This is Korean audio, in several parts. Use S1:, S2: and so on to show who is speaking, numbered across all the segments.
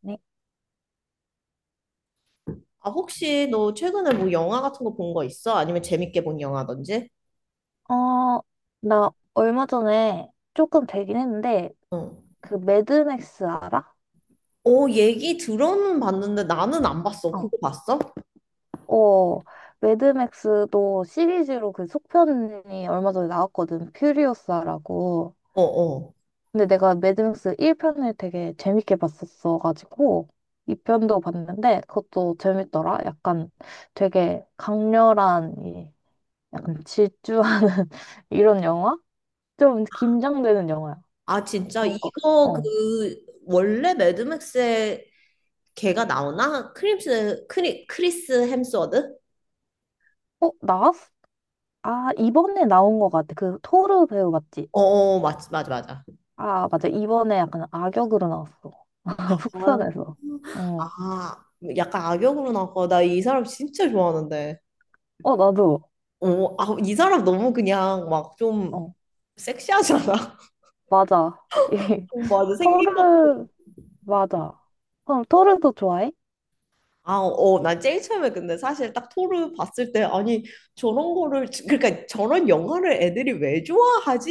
S1: 네.
S2: 아, 혹시 너 최근에 뭐 영화 같은 거 본 거 있어? 아니면 재밌게 본 영화든지?
S1: 어, 나 얼마 전에 조금 되긴 했는데,
S2: 어.
S1: 그 매드맥스 알아?
S2: 어, 얘기 들어는 봤는데 나는 안 봤어.
S1: 어.
S2: 그거 봤어?
S1: 어, 매드맥스도 시리즈로 그 속편이 얼마 전에 나왔거든. 퓨리오사라고.
S2: 어, 어.
S1: 근데 내가 매드맥스 1편을 되게 재밌게 봤었어가지고, 2편도 봤는데, 그것도 재밌더라. 약간 되게 강렬한, 이 약간 질주하는 이런 영화? 좀 긴장되는 영화야.
S2: 아, 진짜?
S1: 그런 거.
S2: 이거
S1: 어.
S2: 그, 원래 매드맥스에 걔가 나오나? 크리스 햄스워드?
S1: 어, 나왔어? 아, 이번에 나온 것 같아. 그 토르 배우 맞지?
S2: 어, 어, 맞지, 맞아, 맞아.
S1: 아, 맞아. 이번에 약간 악역으로 나왔어. 속편에서. 어.
S2: 아, 약간 악역으로 나왔고, 나 이 사람 진짜 좋아하는데.
S1: 어, 나도.
S2: 어, 아, 이 사람 너무 그냥 막 좀
S1: 어,
S2: 섹시하잖아.
S1: 맞아. 이
S2: 어, 맞아. 생긴 것
S1: 토르, 맞아. 그럼 토르도 좋아해?
S2: 아, 어, 난 제일 처음에 근데 사실 딱 토르 봤을 때 아니 저런 거를 그러니까 저런 영화를 애들이 왜 좋아하지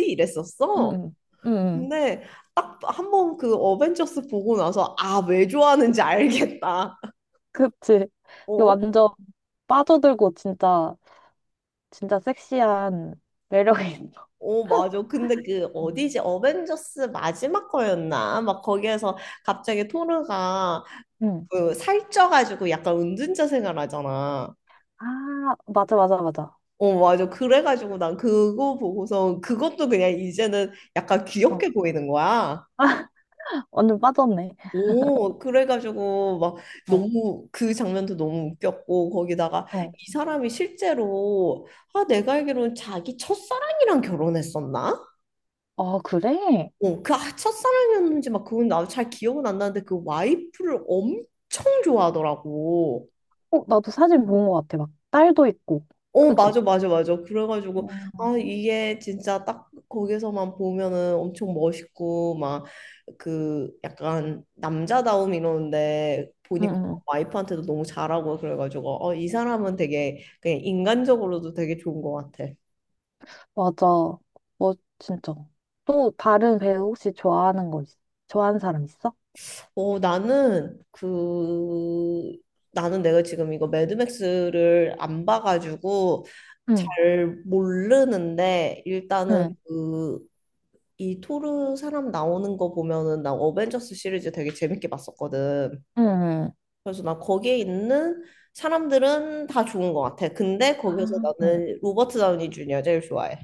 S1: 응,
S2: 이랬었어.
S1: 응, 응. 응.
S2: 근데 딱 한번 그 어벤져스 보고 나서 아, 왜 좋아하는지 알겠다.
S1: 그치. 이거
S2: 어,
S1: 완전 빠져들고 진짜, 진짜 섹시한 매력이 있어.
S2: 어, 맞아. 근데 그
S1: 어.
S2: 어디지? 어벤져스 마지막 거였나? 막 거기에서 갑자기 토르가
S1: 응.
S2: 그 살쪄가지고 약간 은둔자 생활하잖아.
S1: 아, 맞아, 맞아, 맞아.
S2: 어, 맞아. 그래가지고 난 그거 보고서 그것도 그냥 이제는 약간
S1: 어,
S2: 귀엽게 보이는 거야.
S1: 완전 빠졌네.
S2: 오, 그래가지고 막
S1: 어,
S2: 너무 그 장면도 너무 웃겼고 거기다가
S1: 어.
S2: 이 사람이 실제로 아 내가 알기로는 자기 첫사랑이랑 결혼했었나?
S1: 아, 그래?
S2: 어, 그 아, 첫사랑이었는지 막 그건 나도 잘 기억은 안 나는데 그 와이프를 엄청 좋아하더라고.
S1: 어, 나도 사진 본 것 같아. 막 딸도 있고.
S2: 어,
S1: 그치?
S2: 맞아, 맞아, 맞아. 그래가지고,
S1: 음,
S2: 아, 이게 진짜 딱 거기서만 보면은 엄청 멋있고, 막, 그, 약간, 남자다움 이러는데,
S1: 응.
S2: 보니까
S1: 응.
S2: 와이프한테도 너무 잘하고, 그래가지고, 어, 이 사람은 되게, 그냥 인간적으로도 되게 좋은 것 같아.
S1: 맞아. 뭐 진짜. 또 다른 배우 혹시 좋아하는 거 있어? 좋아하는 사람 있어?
S2: 어, 나는, 그, 나는 내가 지금 이거 매드맥스를 안 봐가지고,
S1: 응,
S2: 잘 모르는데, 일단은
S1: 응,
S2: 그, 이 토르 사람 나오는 거 보면은 나 어벤져스 시리즈 되게 재밌게 봤었거든.
S1: 응.
S2: 그래서 나 거기에 있는 사람들은 다 좋은 것 같아. 근데 거기에서
S1: 아, 응.
S2: 나는 로버트 다우니 주니어 제일 좋아해.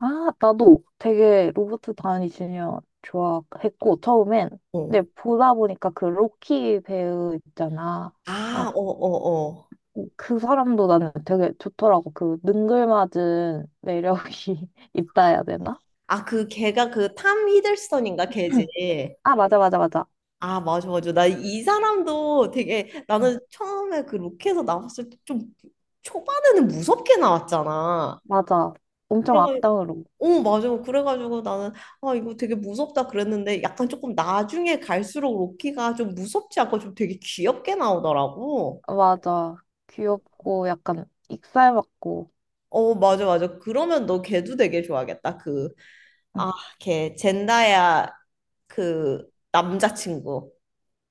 S1: 아, 나도 되게 로버트 다니 주니어 좋아했고 처음엔.
S2: 어.
S1: 근데 보다 보니까 그 로키 배우 있잖아.
S2: 아, 어,
S1: 알아?
S2: 어, 어.
S1: 어, 그 사람도 나는 되게 좋더라고. 그 능글맞은 매력이 있다 해야 되나?
S2: 아, 그 걔가 그 탐 히들스턴인가 걔지.
S1: 아, 맞아, 맞아, 맞아.
S2: 아, 맞아, 맞아. 나 이 사람도 되게
S1: 응.
S2: 나는 처음에 그 로켓에서 나왔을 때 좀 초반에는 무섭게 나왔잖아.
S1: 맞아. 엄청 악당으로.
S2: 어, 맞아. 그래가지고 나는, 아, 이거 되게 무섭다 그랬는데, 약간 조금 나중에 갈수록 로키가 좀 무섭지 않고 좀 되게 귀엽게 나오더라고.
S1: 맞아. 귀엽고 약간 익살맞고.
S2: 어, 맞아, 맞아. 그러면 너 걔도 되게 좋아하겠다. 그,
S1: 응.
S2: 아, 걔, 젠다야, 그, 남자친구.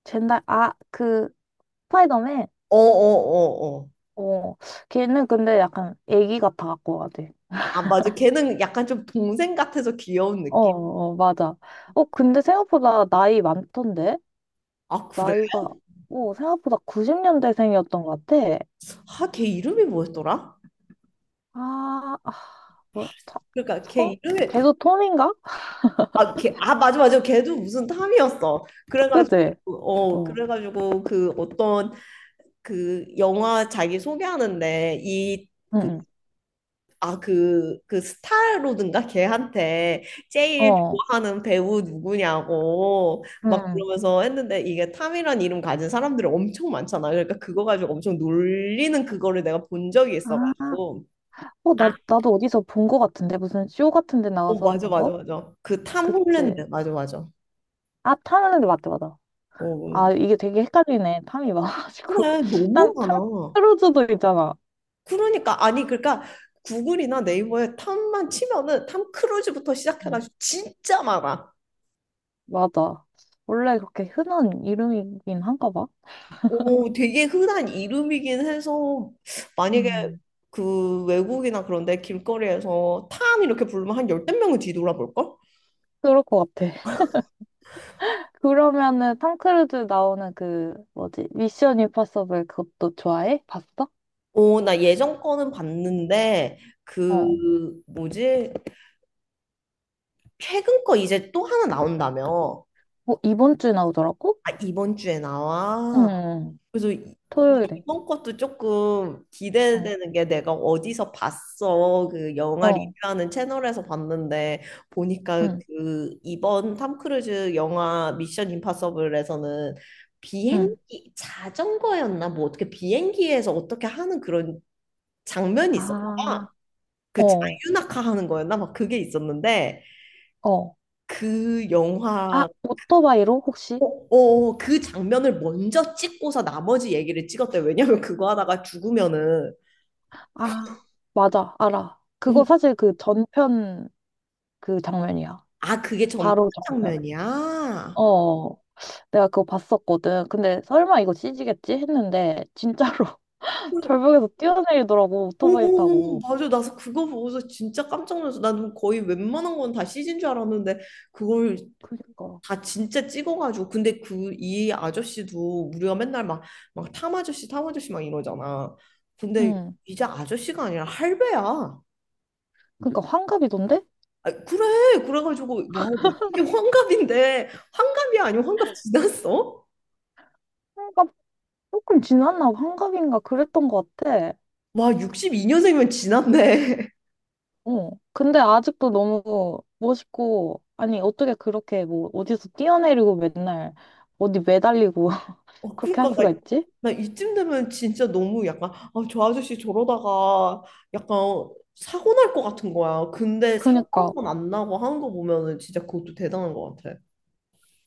S1: 젠달, 아, 그, 스파이더맨?
S2: 어, 어, 어, 어.
S1: 어, 걔는 근데 약간 애기 같아 갖고 가야 돼.
S2: 아, 맞아. 걔는 약간 좀 동생 같아서 귀여운
S1: 어,
S2: 느낌?
S1: 어, 맞아. 어, 근데 생각보다 나이 많던데?
S2: 아, 그래.
S1: 나이가, 어, 생각보다 90년대생이었던 것 같아.
S2: 아, 걔 이름이 뭐였더라?
S1: 아, 아, 뭐, 차,
S2: 그러니까
S1: 성,
S2: 걔 이름이,
S1: 계속 톰인가?
S2: 아, 걔, 아, 맞아, 맞아. 걔도 무슨 탐이었어. 그래가지고,
S1: 그지?
S2: 어,
S1: 어,
S2: 그래가지고, 그 어떤 그 영화 자기 소개하는데, 이,
S1: 응,
S2: 그,
S1: 응.
S2: 아, 그, 그 스타로든가 걔한테 제일
S1: 어,
S2: 좋아하는 배우 누구냐고
S1: 응
S2: 막
S1: 응.
S2: 그러면서 했는데, 이게 탐이란 이름 가진 사람들이 엄청 많잖아. 그러니까 그거 가지고 엄청 놀리는 그거를 내가 본 적이
S1: 아,
S2: 있어가지고.
S1: 어, 나,
S2: 아.
S1: 나도 어디서 본 거 같은데? 무슨 쇼 같은 데
S2: 어,
S1: 나가서
S2: 맞아,
S1: 하는
S2: 맞아,
S1: 거?
S2: 맞아. 그 탐 홀랜드.
S1: 그치.
S2: 맞아, 맞아.
S1: 아, 탐하는데 맞다, 맞아.
S2: 어,
S1: 아, 이게 되게 헷갈리네. 탐이 많아가지고.
S2: 그래,
S1: 탐,
S2: 너무
S1: 탐
S2: 많아.
S1: 크루즈도 있잖아.
S2: 그러니까 아니 그러니까 구글이나
S1: 음,
S2: 네이버에 탐만 치면은 탐 크루즈부터
S1: 음.
S2: 시작해가지고 진짜 많아.
S1: 맞아. 원래 그렇게 흔한 이름이긴 한가 봐.
S2: 오, 되게 흔한 이름이긴 해서 만약에
S1: 음.
S2: 그 외국이나 그런데 길거리에서 탐 이렇게 부르면 한 열댓 명은 뒤돌아볼걸?
S1: 그럴 것 같아. 그러면은 탐 크루즈 나오는 그, 뭐지? 미션 임파서블 그것도 좋아해? 봤어?
S2: 오, 나 예전 거는 봤는데
S1: 어.
S2: 그 뭐지? 최근 거 이제 또 하나 나온다며.
S1: 어, 이번 주에 나오더라고?
S2: 아, 이번 주에
S1: 응,
S2: 나와.
S1: 응. 응.
S2: 그래서 이-
S1: 토요일에.
S2: 이번 것도 조금
S1: 어,
S2: 기대되는 게 내가 어디서 봤어. 그 영화
S1: 어,
S2: 리뷰하는 채널에서 봤는데 보니까
S1: 응,
S2: 그 이번 탐 크루즈 영화 미션 임파서블에서는
S1: 응.
S2: 비행기 자전거였나 뭐 어떻게 비행기에서 어떻게 하는 그런 장면이 있었나 봐.
S1: 아.
S2: 그
S1: 어,
S2: 자유낙하 하는 거였나 막 그게 있었는데
S1: 어.
S2: 그
S1: 아,
S2: 영화
S1: 오토바이로 혹시?
S2: 어, 어, 그 장면을 먼저 찍고서 나머지 얘기를 찍었대. 왜냐면 그거 하다가 죽으면은
S1: 아, 맞아, 알아.
S2: 오,
S1: 그거 사실 그 전편 그 장면이야.
S2: 아, 그게 전심
S1: 바로 전편.
S2: 장면이야?
S1: 어, 어. 내가 그거 봤었거든. 근데 설마 이거 CG겠지? 했는데 진짜로
S2: 오
S1: 절벽에서 뛰어내리더라고, 오토바이 타고.
S2: 맞아. 나서 그거 보고서 진짜 깜짝 놀랐어. 나는 거의 웬만한 건 다 CG인 줄 알았는데 그걸
S1: 그니까.
S2: 다 진짜 찍어가지고. 근데 그 이 아저씨도 우리가 맨날 막, 막 탐 아저씨, 탐 아저씨 막 이러잖아. 근데
S1: 응.
S2: 이제 아저씨가 아니라 할배야.
S1: 그니까 환갑이던데?
S2: 아, 그래. 그래가지고 와 어떻게 환갑인데 환갑이 아니고 환갑 지났어?
S1: 환갑 조금 지났나? 환갑인가? 그랬던 것 같아.
S2: 와 62년생이면 지났네.
S1: 어. 근데 아직도 너무 멋있고, 아니, 어떻게 그렇게 뭐 어디서 뛰어내리고 맨날 어디 매달리고
S2: 어,
S1: 그렇게
S2: 그러니까
S1: 할 수가
S2: 나,
S1: 있지?
S2: 이쯤 되면 진짜 너무 약간 아, 저 아저씨 저러다가 약간 사고 날 것 같은 거야. 근데 사고 한
S1: 그니까,
S2: 번 안 나고 하는 거 보면은 진짜 그것도 대단한 것 같아.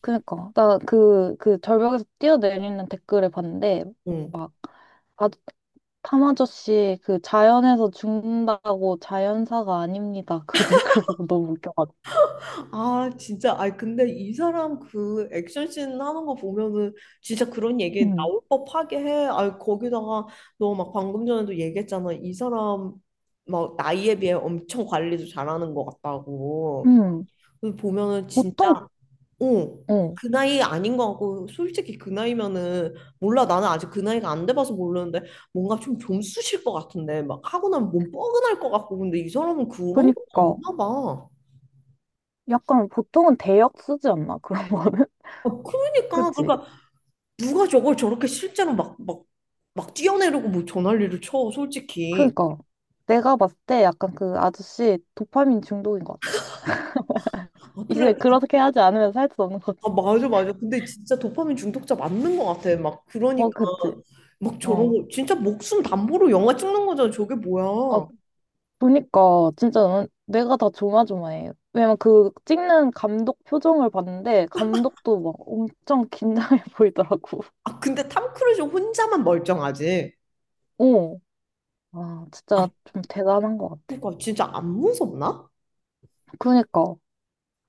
S1: 그니까. 나 그 절벽에서 뛰어내리는 댓글을 봤는데,
S2: 응.
S1: 막, 아, 탐 아저씨 그 자연에서 죽는다고 자연사가 아닙니다. 그 댓글 보고 너무 웃겨가지고.
S2: 아 진짜 아 근데 이 사람 그 액션씬 하는 거 보면은 진짜 그런 얘기
S1: 응,
S2: 나올 법하게 해. 아 거기다가 너 막 방금 전에도 얘기했잖아. 이 사람 막 나이에 비해 엄청 관리도 잘하는 것 같다고.
S1: 응.
S2: 그래서 보면은 진짜
S1: 보통,
S2: 어,
S1: 어.
S2: 그 나이 아닌 것 같고, 솔직히 그 나이면은, 몰라, 나는 아직 그 나이가 안 돼봐서 모르는데, 뭔가 좀 좀쑤실 것 같은데, 막 하고 나면 몸 뻐근할 것 같고, 근데 이 사람은 그런 거
S1: 그니까.
S2: 없나 봐.
S1: 약간 보통은 대역 쓰지 않나? 그런 거는?
S2: 아, 그러니까,
S1: 그치?
S2: 그러니까, 누가 저걸 저렇게 실제로 막, 막, 막 뛰어내리고 뭐 전화리를 쳐, 솔직히.
S1: 그러니까 내가 봤을 때 약간 그 아저씨 도파민 중독인 것 같아.
S2: 아,
S1: 이제
S2: 그래.
S1: 그렇게 하지 않으면 살 수 없는
S2: 아,
S1: 거지.
S2: 맞아, 맞아. 근데 진짜 도파민 중독자 맞는 것 같아. 막, 그러니까,
S1: 어, 그치.
S2: 막 저런
S1: 어.
S2: 거, 진짜 목숨 담보로 영화 찍는 거잖아. 저게
S1: 아,
S2: 뭐야.
S1: 보니까 진짜 난 내가 다 조마조마해. 왜냐면 그 찍는 감독 표정을 봤는데 감독도 막 엄청 긴장해 보이더라고.
S2: 아, 근데 탐 크루즈 혼자만 멀쩡하지.
S1: 어. 아,
S2: 아,
S1: 진짜 좀 대단한 것 같아.
S2: 그러니까 진짜 안 무섭나?
S1: 그러니까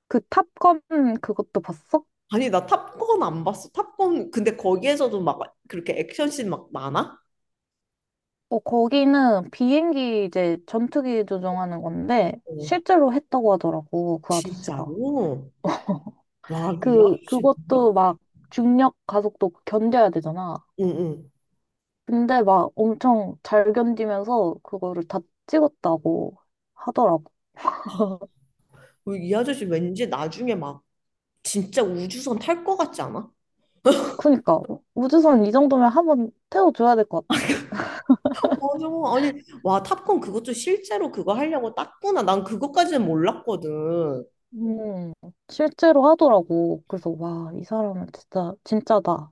S1: 그 탑건 그것도 봤어?
S2: 아니, 나 탑건 안 봤어. 탑건, 근데 거기에서도 막 그렇게 액션씬 막 많아?
S1: 어, 거기는 비행기 이제 전투기 조종하는 건데
S2: 어,
S1: 실제로 했다고 하더라고, 그 아저씨가.
S2: 진짜로? 와, 이
S1: 그,
S2: 아저씨 능력?
S1: 그것도 막 중력 가속도 견뎌야 되잖아.
S2: 응, 응.
S1: 근데 막 엄청 잘 견디면서 그거를 다 찍었다고 하더라고.
S2: 이 아저씨 왠지 나중에 막 진짜 우주선 탈 것 같지 않아? 어,
S1: 그니까, 우주선 이 정도면 한번 태워줘야 될 것 같아.
S2: 맞아. 아니, 와, 탑건 그것도 실제로 그거 하려고 땄구나. 난 그것까지는 몰랐거든.
S1: 음, 실제로 하더라고. 그래서 와, 이 사람은 진짜, 진짜다.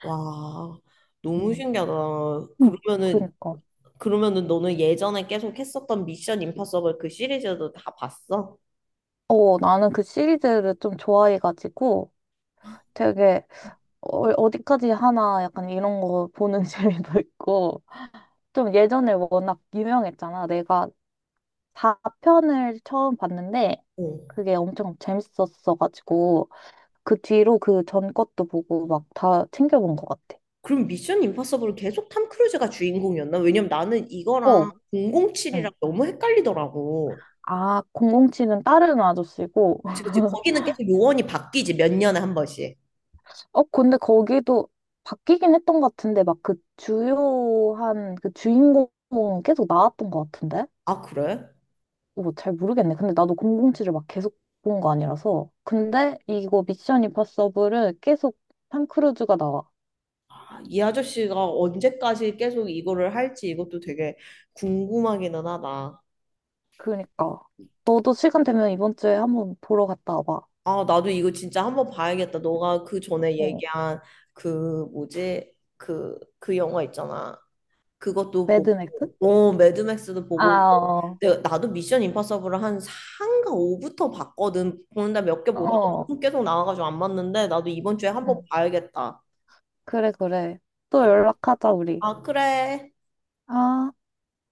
S2: 와, 너무
S1: 음,
S2: 신기하다.
S1: 음,
S2: 그러면은
S1: 그니까.
S2: 그러면은 너는 예전에 계속 했었던 미션 임파서블 그 시리즈도 다 봤어?
S1: 어, 나는 그 시리즈를 좀 좋아해가지고 되게 어, 어디까지 하나 약간 이런 거 보는 재미도 있고. 좀 예전에 워낙 유명했잖아. 내가 4편을 처음 봤는데
S2: 어.
S1: 그게 엄청 재밌었어가지고 그 뒤로 그 전 것도 보고 막 다 챙겨본 것 같아.
S2: 그럼 미션 임파서블 계속 탐 크루즈가 주인공이었나? 왜냐면 나는 이거랑
S1: 어, 응.
S2: 007이랑 너무 헷갈리더라고.
S1: 아, 공공치은 다른 아저씨고.
S2: 그치, 그치. 거기는 계속 요원이 바뀌지, 몇 년에 한 번씩.
S1: 어, 근데 거기도 바뀌긴 했던 것 같은데 막 그 주요한 그 주인공은 계속 나왔던 것 같은데?
S2: 아, 그래?
S1: 뭐 잘 모르겠네. 근데 나도 공공치을막 계속 본 거 아니라서. 근데 이거 미션 임파서블은 계속 탐 크루즈가 나와.
S2: 아, 이 아저씨가 언제까지 계속 이거를 할지 이것도 되게 궁금하기는 하다.
S1: 그니까. 너도 시간 되면 이번 주에 한번 보러 갔다 와봐.
S2: 아, 나도 이거 진짜 한번 봐야겠다. 너가 그 전에
S1: 어.
S2: 얘기한 그 뭐지? 그, 그 영화 있잖아. 그것도 보고,
S1: 매드맥스?
S2: 어, 매드맥스도
S1: 아,
S2: 보고,
S1: 어.
S2: 나도 미션 임파서블을 한 4인가 5부터 봤거든. 보는데 몇 개 보다가
S1: 어.
S2: 계속 나와가지고 안 봤는데, 나도 이번 주에 한번
S1: 응.
S2: 봐야겠다.
S1: 그래, 그래. 또
S2: 그래.
S1: 연락하자, 우리.
S2: 아, 그래.
S1: 아.